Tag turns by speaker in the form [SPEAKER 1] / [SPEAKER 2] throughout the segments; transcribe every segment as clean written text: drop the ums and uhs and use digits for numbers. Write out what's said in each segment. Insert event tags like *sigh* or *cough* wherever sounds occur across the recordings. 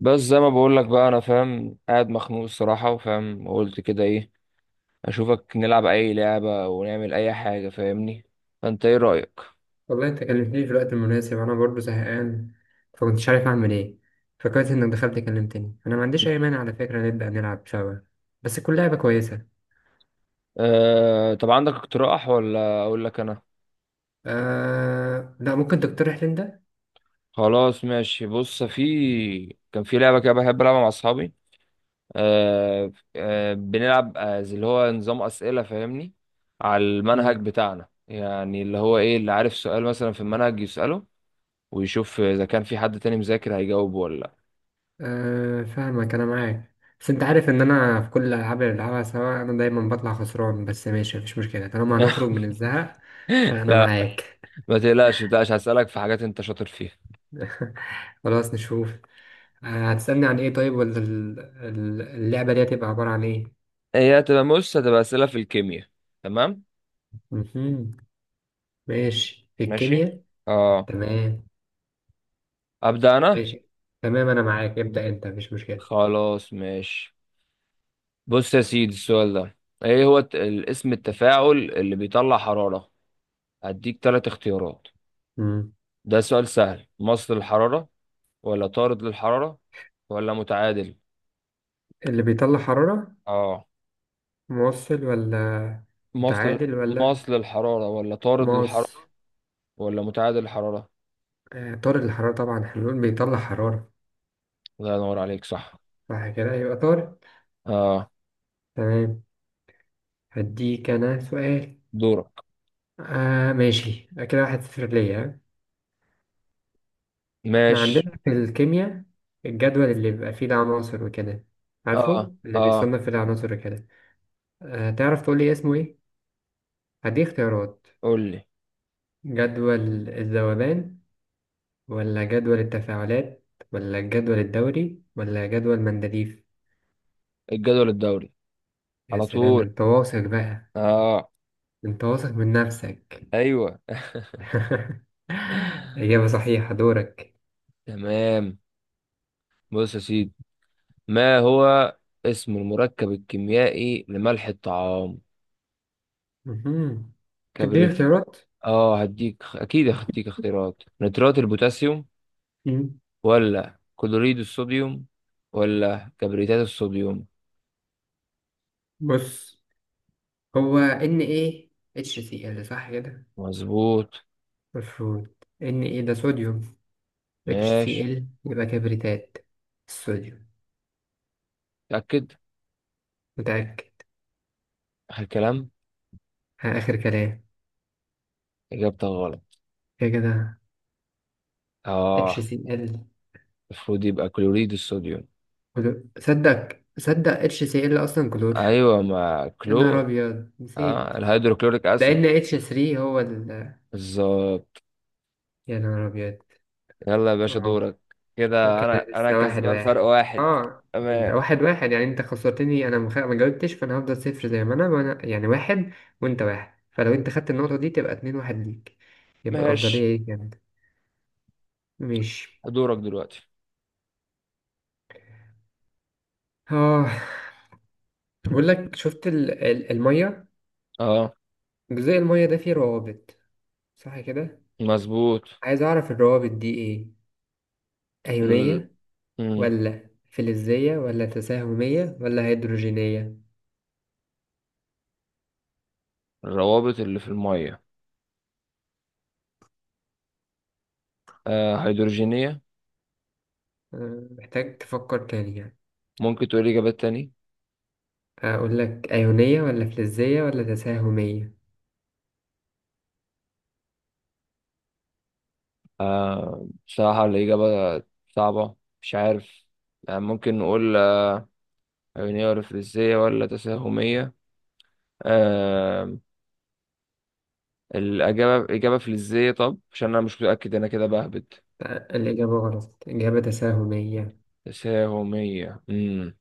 [SPEAKER 1] بس زي ما بقول لك بقى انا فاهم قاعد مخنوق الصراحه وفاهم وقلت كده ايه اشوفك نلعب اي لعبه ونعمل اي حاجه فاهمني، فانت ايه رايك؟
[SPEAKER 2] والله، انت كلمتني في الوقت المناسب. انا برضو زهقان. فكنتش عارف اعمل ايه. فكويس انك دخلت كلمتني. انا ما عنديش اي مانع، على فكرة نبدأ نلعب سوا، بس تكون لعبة كويسة.
[SPEAKER 1] أه، طب عندك اقتراح ولا اقول لك انا؟
[SPEAKER 2] لا، ممكن تقترح لي انت.
[SPEAKER 1] خلاص ماشي، بص كان في لعبه كده بحب العبها مع اصحابي. أه بنلعب زي اللي هو نظام اسئله فاهمني، على المنهج
[SPEAKER 2] مم.
[SPEAKER 1] بتاعنا، يعني اللي هو ايه اللي عارف سؤال مثلا في المنهج يساله ويشوف اذا كان في حد تاني مذاكر هيجاوب ولا.
[SPEAKER 2] فاهمك، انا معاك. بس انت عارف ان انا في كل الالعاب اللي بلعبها سوا انا دايما بطلع خسران. بس ماشي، مفيش مشكلة طالما هنخرج من الزهق. فانا
[SPEAKER 1] لا
[SPEAKER 2] معاك.
[SPEAKER 1] *laughs* ما تقلقش ما تقلقش، هسألك في حاجات انت شاطر فيها.
[SPEAKER 2] *laughs* خلاص، نشوف. هتسألني عن ايه طيب؟ ولا اللعبة دي هتبقى عبارة عن ايه؟
[SPEAKER 1] هي هتبقى، بص، هتبقى أسئلة في الكيمياء. تمام.
[SPEAKER 2] مهم. ماشي، في
[SPEAKER 1] ماشي.
[SPEAKER 2] الكيمياء.
[SPEAKER 1] اه.
[SPEAKER 2] تمام.
[SPEAKER 1] أبدأ أنا.
[SPEAKER 2] ماشي. تمام، أنا معاك، ابدأ أنت، مفيش مشكلة.
[SPEAKER 1] خلاص ماشي. بص يا سيدي، السؤال ده، ايه هو اسم التفاعل اللي بيطلع حرارة؟ هديك ثلاث اختيارات.
[SPEAKER 2] مم.
[SPEAKER 1] ده سؤال سهل. مصل الحرارة، ولا طارد للحرارة، ولا متعادل؟
[SPEAKER 2] اللي بيطلع حرارة؟
[SPEAKER 1] اه.
[SPEAKER 2] موصل، ولا
[SPEAKER 1] مصل
[SPEAKER 2] متعادل، ولا
[SPEAKER 1] مصل الحرارة، ولا طارد
[SPEAKER 2] ماس؟
[SPEAKER 1] للحرارة، ولا متعادل الحرارة.
[SPEAKER 2] آه، طارد الحرارة طبعا. احنا بنقول بيطلع حرارة.
[SPEAKER 1] الله ينور عليك، صح.
[SPEAKER 2] صح كده، يبقى طارد.
[SPEAKER 1] اه.
[SPEAKER 2] تمام. هديك أنا سؤال.
[SPEAKER 1] دورك.
[SPEAKER 2] آه ماشي، كده 1-0 ليا، ها؟ احنا
[SPEAKER 1] ماشي.
[SPEAKER 2] عندنا في الكيمياء الجدول اللي بيبقى فيه العناصر وكده،
[SPEAKER 1] اه
[SPEAKER 2] عارفه؟ اللي
[SPEAKER 1] اه
[SPEAKER 2] بيصنف فيه العناصر وكده. آه، تعرف تقول لي اسمه ايه؟ هدي اختيارات.
[SPEAKER 1] قول لي.
[SPEAKER 2] جدول الذوبان، ولا جدول التفاعلات، ولا الجدول الدوري، ولا جدول مندليف؟
[SPEAKER 1] الجدول الدوري.
[SPEAKER 2] يا
[SPEAKER 1] على
[SPEAKER 2] سلام، ده
[SPEAKER 1] طول.
[SPEAKER 2] انت واثق بقى.
[SPEAKER 1] اه.
[SPEAKER 2] انت واثق من نفسك؟
[SPEAKER 1] ايوه *laughs*
[SPEAKER 2] *laughs* إجابة صحيحة، دورك.
[SPEAKER 1] تمام. بص يا سيدي، ما هو اسم المركب الكيميائي لملح الطعام؟
[SPEAKER 2] مهم. تديني
[SPEAKER 1] كبريت؟
[SPEAKER 2] اختيارات.
[SPEAKER 1] اه هديك اكيد، هديك اختيارات: نترات البوتاسيوم،
[SPEAKER 2] مم.
[SPEAKER 1] ولا كلوريد الصوديوم، ولا كبريتات الصوديوم.
[SPEAKER 2] بص، هو ان ايه اتش سي ال، صح كده؟
[SPEAKER 1] مظبوط.
[SPEAKER 2] المفروض ان ايه ده صوديوم. اتش سي
[SPEAKER 1] ماشي.
[SPEAKER 2] ال، يبقى كبريتات الصوديوم.
[SPEAKER 1] تأكد.
[SPEAKER 2] متأكد.
[SPEAKER 1] آخر كلام.
[SPEAKER 2] ها، آخر كلام.
[SPEAKER 1] إجابتك غلط.
[SPEAKER 2] كده كده. اتش
[SPEAKER 1] اه.
[SPEAKER 2] سي ال.
[SPEAKER 1] المفروض يبقى كلوريد الصوديوم.
[SPEAKER 2] كلور، صدق صدق، اتش سي ال اصلا كلور.
[SPEAKER 1] ايوه ما
[SPEAKER 2] يا نهار
[SPEAKER 1] كلور.
[SPEAKER 2] ابيض،
[SPEAKER 1] اه
[SPEAKER 2] نسيت.
[SPEAKER 1] الهيدروكلوريك
[SPEAKER 2] ده
[SPEAKER 1] اسيد.
[SPEAKER 2] ان اتش 3 هو ال.
[SPEAKER 1] بالظبط.
[SPEAKER 2] يا نهار ابيض.
[SPEAKER 1] يلا يا باشا
[SPEAKER 2] اه،
[SPEAKER 1] دورك. كده
[SPEAKER 2] وكده
[SPEAKER 1] انا
[SPEAKER 2] لسه واحد
[SPEAKER 1] كسبان فرق
[SPEAKER 2] واحد.
[SPEAKER 1] واحد.
[SPEAKER 2] اه، انت
[SPEAKER 1] تمام.
[SPEAKER 2] واحد واحد يعني. انت خسرتني، انا ما جاوبتش. فانا هفضل صفر زي ما انا، وانا يعني واحد، وانت واحد. فلو انت خدت النقطة دي تبقى 2-1 ليك. يبقى
[SPEAKER 1] ماشي
[SPEAKER 2] الافضلية ليك يعني. ماشي.
[SPEAKER 1] دورك دلوقتي.
[SPEAKER 2] اه. بقول لك، شفت المية،
[SPEAKER 1] اه.
[SPEAKER 2] جزء المية ده فيه روابط، صح كده؟
[SPEAKER 1] مظبوط.
[SPEAKER 2] عايز اعرف الروابط دي ايه.
[SPEAKER 1] ال...
[SPEAKER 2] أيونية،
[SPEAKER 1] مم.
[SPEAKER 2] ولا فلزية، ولا تساهمية، ولا هيدروجينية؟
[SPEAKER 1] الروابط اللي في الميه؟ آه هيدروجينية.
[SPEAKER 2] أه، محتاج تفكر تاني يعني.
[SPEAKER 1] ممكن تقول اجابات تاني؟
[SPEAKER 2] أقول لك أيونية، ولا فلزية، ولا تساهمية؟
[SPEAKER 1] آه بصراحة الاجابة صعبة، مش عارف. يعني ممكن نقول عيونية ورفلكسية ولا تساهمية. آه. الإجابة إجابة فلزية. طب عشان أنا مش متأكد، أنا كده بهبد.
[SPEAKER 2] أه، الإجابة غلط. الإجابة تساهمية.
[SPEAKER 1] تساهمية.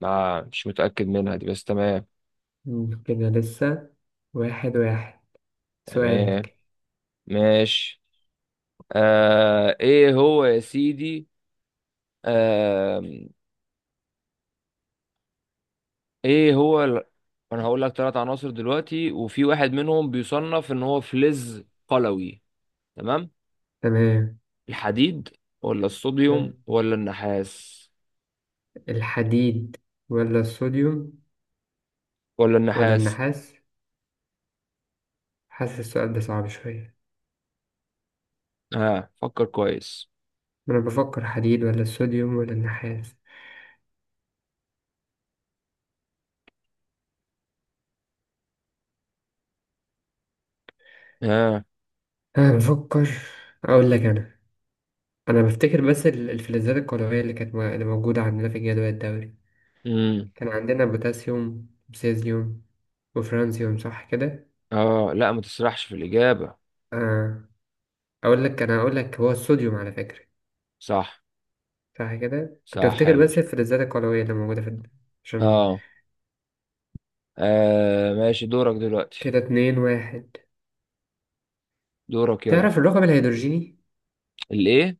[SPEAKER 1] ما مش متأكد منها دي، بس تمام.
[SPEAKER 2] كده لسه واحد واحد.
[SPEAKER 1] تمام.
[SPEAKER 2] سؤالك.
[SPEAKER 1] ماشي. آه إيه هو يا سيدي؟ آه إيه هو أنا هقول لك ثلاث عناصر دلوقتي، وفي واحد منهم بيصنف إن هو فلز قلوي. تمام.
[SPEAKER 2] تمام.
[SPEAKER 1] الحديد، ولا الصوديوم،
[SPEAKER 2] ها،
[SPEAKER 1] ولا النحاس؟
[SPEAKER 2] الحديد، ولا الصوديوم،
[SPEAKER 1] ولا
[SPEAKER 2] ولا
[SPEAKER 1] النحاس؟
[SPEAKER 2] النحاس؟ حاسس السؤال ده صعب شوية.
[SPEAKER 1] ها آه. فكر كويس.
[SPEAKER 2] أنا بفكر حديد، ولا الصوديوم، ولا النحاس؟
[SPEAKER 1] ها
[SPEAKER 2] أنا بفكر. أقول لك أنا. انا بفتكر، بس الفلزات القولوية اللي كانت اللي موجودة عندنا في الجدول الدوري،
[SPEAKER 1] آه.
[SPEAKER 2] كان عندنا بوتاسيوم وسيزيوم وفرانسيوم، صح كده؟
[SPEAKER 1] اه لا، ما تسرحش في الإجابة.
[SPEAKER 2] آه، اقول لك انا، اقول لك هو الصوديوم على فكرة.
[SPEAKER 1] صح.
[SPEAKER 2] صح كده، كنت
[SPEAKER 1] صح يا
[SPEAKER 2] بفتكر بس
[SPEAKER 1] باشا.
[SPEAKER 2] الفلزات القولوية اللي موجودة في الد-. عشان
[SPEAKER 1] اه. ماشي دورك دلوقتي.
[SPEAKER 2] كده اتنين واحد.
[SPEAKER 1] دورك يلا.
[SPEAKER 2] تعرف الرقم الهيدروجيني؟
[SPEAKER 1] الإيه؟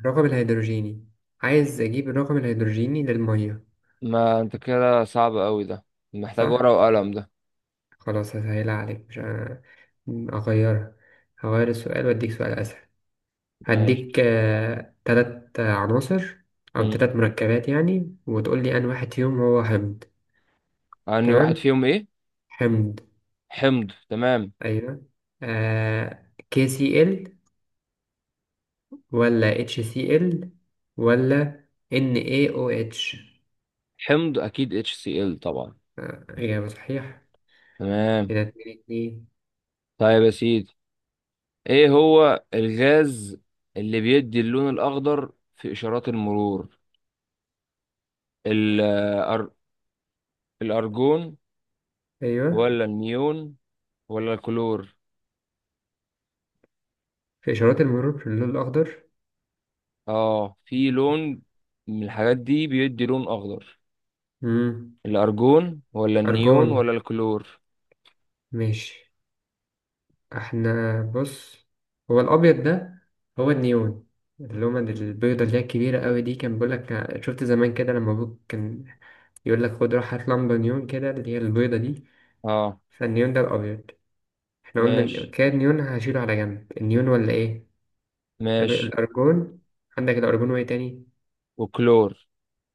[SPEAKER 2] الرقم الهيدروجيني. عايز اجيب الرقم الهيدروجيني للمية.
[SPEAKER 1] ما أنت كده صعب قوي ده، محتاج
[SPEAKER 2] صح.
[SPEAKER 1] ورقة وقلم ده.
[SPEAKER 2] خلاص، هسهلها عليك، مش اغيرها. هغير السؤال واديك سؤال اسهل.
[SPEAKER 1] ماشي.
[SPEAKER 2] هديك تلات عناصر، أو
[SPEAKER 1] مم.
[SPEAKER 2] تلات مركبات يعني، وتقول لي أن واحد فيهم هو حمض.
[SPEAKER 1] أني واحد
[SPEAKER 2] تمام.
[SPEAKER 1] فيهم إيه؟
[SPEAKER 2] حمض.
[SPEAKER 1] حمض؟ تمام،
[SPEAKER 2] أيوة، آه KCl، ولا HCl، ولا NaOH؟
[SPEAKER 1] حمض أكيد HCl طبعا.
[SPEAKER 2] آه، إجابة صحيح.
[SPEAKER 1] تمام.
[SPEAKER 2] كده 2-2.
[SPEAKER 1] طيب يا سيدي، إيه هو الغاز اللي بيدي اللون الأخضر في إشارات المرور؟ ال- آه، الأر- الأرجون،
[SPEAKER 2] أيوة،
[SPEAKER 1] ولا النيون، ولا الكلور؟
[SPEAKER 2] في إشارات المرور في اللون الأخضر؟
[SPEAKER 1] اه في لون من الحاجات دي بيدي لون اخضر،
[SPEAKER 2] مم.
[SPEAKER 1] الارجون ولا النيون
[SPEAKER 2] أرجون.
[SPEAKER 1] ولا الكلور.
[SPEAKER 2] ماشي. احنا بص، هو الابيض ده هو النيون. اللومة البيضة اللي هي الكبيرة قوي دي كان بيقولك، شفت زمان كده لما ابوك كان يقولك خد روح هات لمبة نيون كده اللي هي البيضة دي.
[SPEAKER 1] اه.
[SPEAKER 2] فالنيون ده الابيض. احنا قلنا
[SPEAKER 1] ماشي.
[SPEAKER 2] كده، النيون هشيله على جنب، النيون ولا ايه؟ يبقى
[SPEAKER 1] ماشي.
[SPEAKER 2] الارجون. عندك الارجون، وايه تاني؟
[SPEAKER 1] وكلور.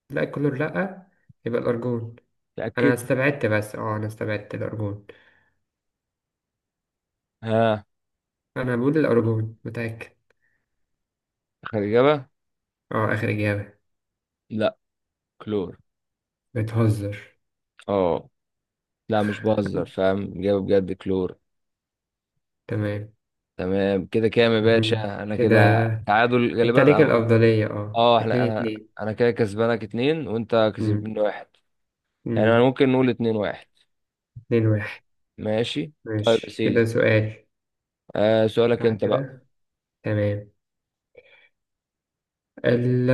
[SPEAKER 2] لا، الكلور لا. يبقى الارجون. انا
[SPEAKER 1] تأكد.
[SPEAKER 2] استبعدت، بس اه، انا استبعدت الارجون.
[SPEAKER 1] ها
[SPEAKER 2] انا بقول الارجون، متأكد.
[SPEAKER 1] اخر اجابة.
[SPEAKER 2] اه، اخر اجابة.
[SPEAKER 1] لا، كلور.
[SPEAKER 2] بتهزر؟
[SPEAKER 1] اه. لا مش بهزر، فاهم، اجابة بجد كلور.
[SPEAKER 2] تمام.
[SPEAKER 1] تمام كده كام يا
[SPEAKER 2] مهم.
[SPEAKER 1] باشا؟ انا
[SPEAKER 2] كده
[SPEAKER 1] كده تعادل
[SPEAKER 2] انت
[SPEAKER 1] غالبا
[SPEAKER 2] ليك
[SPEAKER 1] او.
[SPEAKER 2] الأفضلية، اه،
[SPEAKER 1] اه. احنا
[SPEAKER 2] اتنين اتنين
[SPEAKER 1] انا كده كسبانك اتنين، وانت
[SPEAKER 2] مم.
[SPEAKER 1] كسبني واحد. يعني انا
[SPEAKER 2] مم.
[SPEAKER 1] ممكن نقول اتنين واحد.
[SPEAKER 2] 2-1.
[SPEAKER 1] ماشي. طيب يا
[SPEAKER 2] ماشي، كده
[SPEAKER 1] سيدي،
[SPEAKER 2] سؤال.
[SPEAKER 1] آه سؤالك
[SPEAKER 2] صح
[SPEAKER 1] انت بقى.
[SPEAKER 2] كده. تمام. ال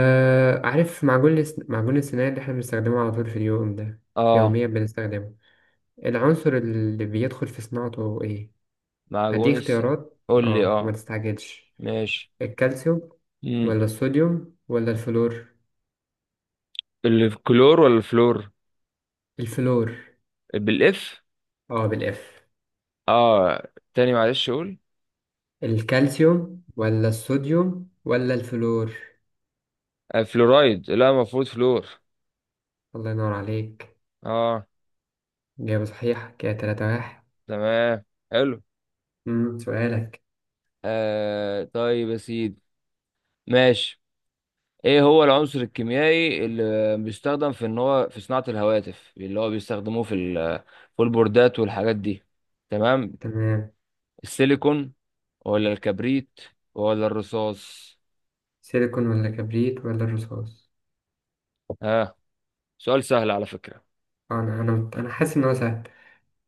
[SPEAKER 2] عارف معجون السنان اللي احنا بنستخدمه على طول في اليوم ده،
[SPEAKER 1] اه.
[SPEAKER 2] يوميا بنستخدمه. العنصر اللي بيدخل في صناعته ايه؟ هدي
[SPEAKER 1] معجون.
[SPEAKER 2] اختيارات،
[SPEAKER 1] قول لي.
[SPEAKER 2] اه، وما
[SPEAKER 1] اه.
[SPEAKER 2] تستعجلش.
[SPEAKER 1] ماشي.
[SPEAKER 2] الكالسيوم،
[SPEAKER 1] امم.
[SPEAKER 2] ولا الصوديوم، ولا الفلور؟
[SPEAKER 1] الكلور ولا الفلور؟
[SPEAKER 2] الفلور.
[SPEAKER 1] بالاف.
[SPEAKER 2] اه، بالاف.
[SPEAKER 1] اه تاني معلش، قول.
[SPEAKER 2] الكالسيوم، ولا الصوديوم، ولا الفلور؟
[SPEAKER 1] آه فلورايد، لا المفروض فلور.
[SPEAKER 2] الله ينور عليك.
[SPEAKER 1] اه.
[SPEAKER 2] إجابة صحيحة، كده 3-1.
[SPEAKER 1] تمام. حلو.
[SPEAKER 2] سؤالك.
[SPEAKER 1] آه طيب يا سيدي، ماشي، ايه هو العنصر الكيميائي اللي بيستخدم في ان هو في صناعة الهواتف، اللي هو بيستخدموه في في البوردات والحاجات دي؟ تمام.
[SPEAKER 2] تمام.
[SPEAKER 1] السيليكون، ولا الكبريت، ولا الرصاص.
[SPEAKER 2] سيليكون، ولا كبريت، ولا الرصاص؟
[SPEAKER 1] ها؟ سؤال سهل على فكرة.
[SPEAKER 2] آه، أنا حاسس إن هو سهل.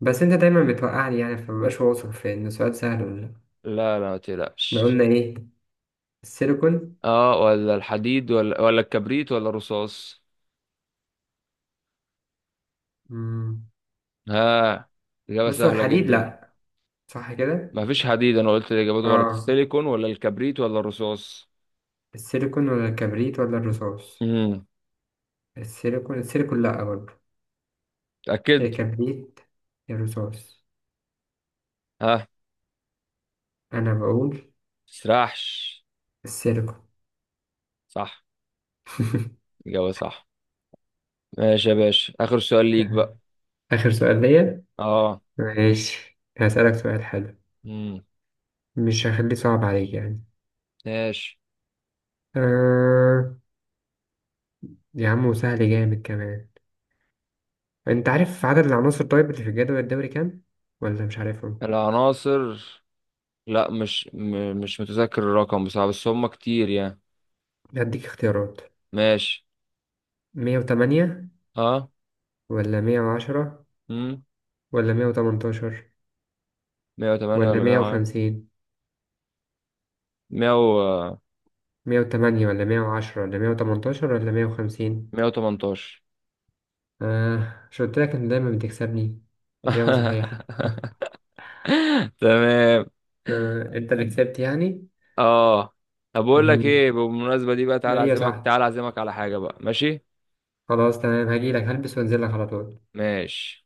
[SPEAKER 2] بس أنت دايما بتوقعني يعني، فمبقاش واثق في إن السؤال سهل ولا لأ.
[SPEAKER 1] لا لا، ما
[SPEAKER 2] إحنا
[SPEAKER 1] تقلقش.
[SPEAKER 2] قلنا إيه؟ السيليكون.
[SPEAKER 1] اه، ولا الحديد، ولا الكبريت، ولا الرصاص.
[SPEAKER 2] أمم،
[SPEAKER 1] ها؟ إجابة
[SPEAKER 2] بص، هو
[SPEAKER 1] سهلة
[SPEAKER 2] الحديد
[SPEAKER 1] جدا.
[SPEAKER 2] لأ، صح كده؟
[SPEAKER 1] ما فيش حديد، أنا قلت الإجابات غلط:
[SPEAKER 2] آه،
[SPEAKER 1] السيليكون، ولا الكبريت، ولا الرصاص.
[SPEAKER 2] السيليكون، ولا الكبريت، ولا الرصاص؟
[SPEAKER 1] امم.
[SPEAKER 2] السيليكون، السيليكون لأ برضه. يا
[SPEAKER 1] تأكد.
[SPEAKER 2] كبريت، يا رصاص.
[SPEAKER 1] ها.
[SPEAKER 2] أنا بقول
[SPEAKER 1] تسرحش.
[SPEAKER 2] السيليكون.
[SPEAKER 1] صح. إجابة صح. ماشي يا باشا، آخر سؤال ليك بقى.
[SPEAKER 2] *laughs* آخر سؤال ليا.
[SPEAKER 1] اه.
[SPEAKER 2] ماشي، هسألك سؤال حلو.
[SPEAKER 1] امم.
[SPEAKER 2] مش هخليه صعب عليك يعني.
[SPEAKER 1] ماشي.
[SPEAKER 2] آه، يا عم، وسهل جامد كمان. انت عارف عدد العناصر طيب اللي في الجدول الدوري كام؟ ولا مش عارفهم؟
[SPEAKER 1] العناصر. لا مش مش متذكر الرقم بصراحة، بس هم كتير يعني.
[SPEAKER 2] هديك اختيارات.
[SPEAKER 1] ماشي.
[SPEAKER 2] 108،
[SPEAKER 1] اه.
[SPEAKER 2] ولا 110،
[SPEAKER 1] امم.
[SPEAKER 2] ولا 118،
[SPEAKER 1] 108
[SPEAKER 2] ولا مية
[SPEAKER 1] ولا.
[SPEAKER 2] وخمسين
[SPEAKER 1] 100.
[SPEAKER 2] 108، ولا مية وعشرة، ولا مية وتمنتاشر، ولا مية وخمسين؟
[SPEAKER 1] 118.
[SPEAKER 2] آه، مش قلت لك انت دايما بتكسبني؟ إجابة صحيحة.
[SPEAKER 1] *laughs*
[SPEAKER 2] *laughs*
[SPEAKER 1] تمام.
[SPEAKER 2] آه، انت اللي كسبت يعني.
[SPEAKER 1] اه طب بقول لك
[SPEAKER 2] مم.
[SPEAKER 1] ايه، بالمناسبة دي بقى،
[SPEAKER 2] ده
[SPEAKER 1] تعالى
[SPEAKER 2] ايه يا
[SPEAKER 1] اعزمك،
[SPEAKER 2] صاحبي؟
[SPEAKER 1] تعالى اعزمك على حاجة بقى؟ ماشي.
[SPEAKER 2] خلاص تمام، هجيلك هلبس وانزل لك على طول.
[SPEAKER 1] ماشي.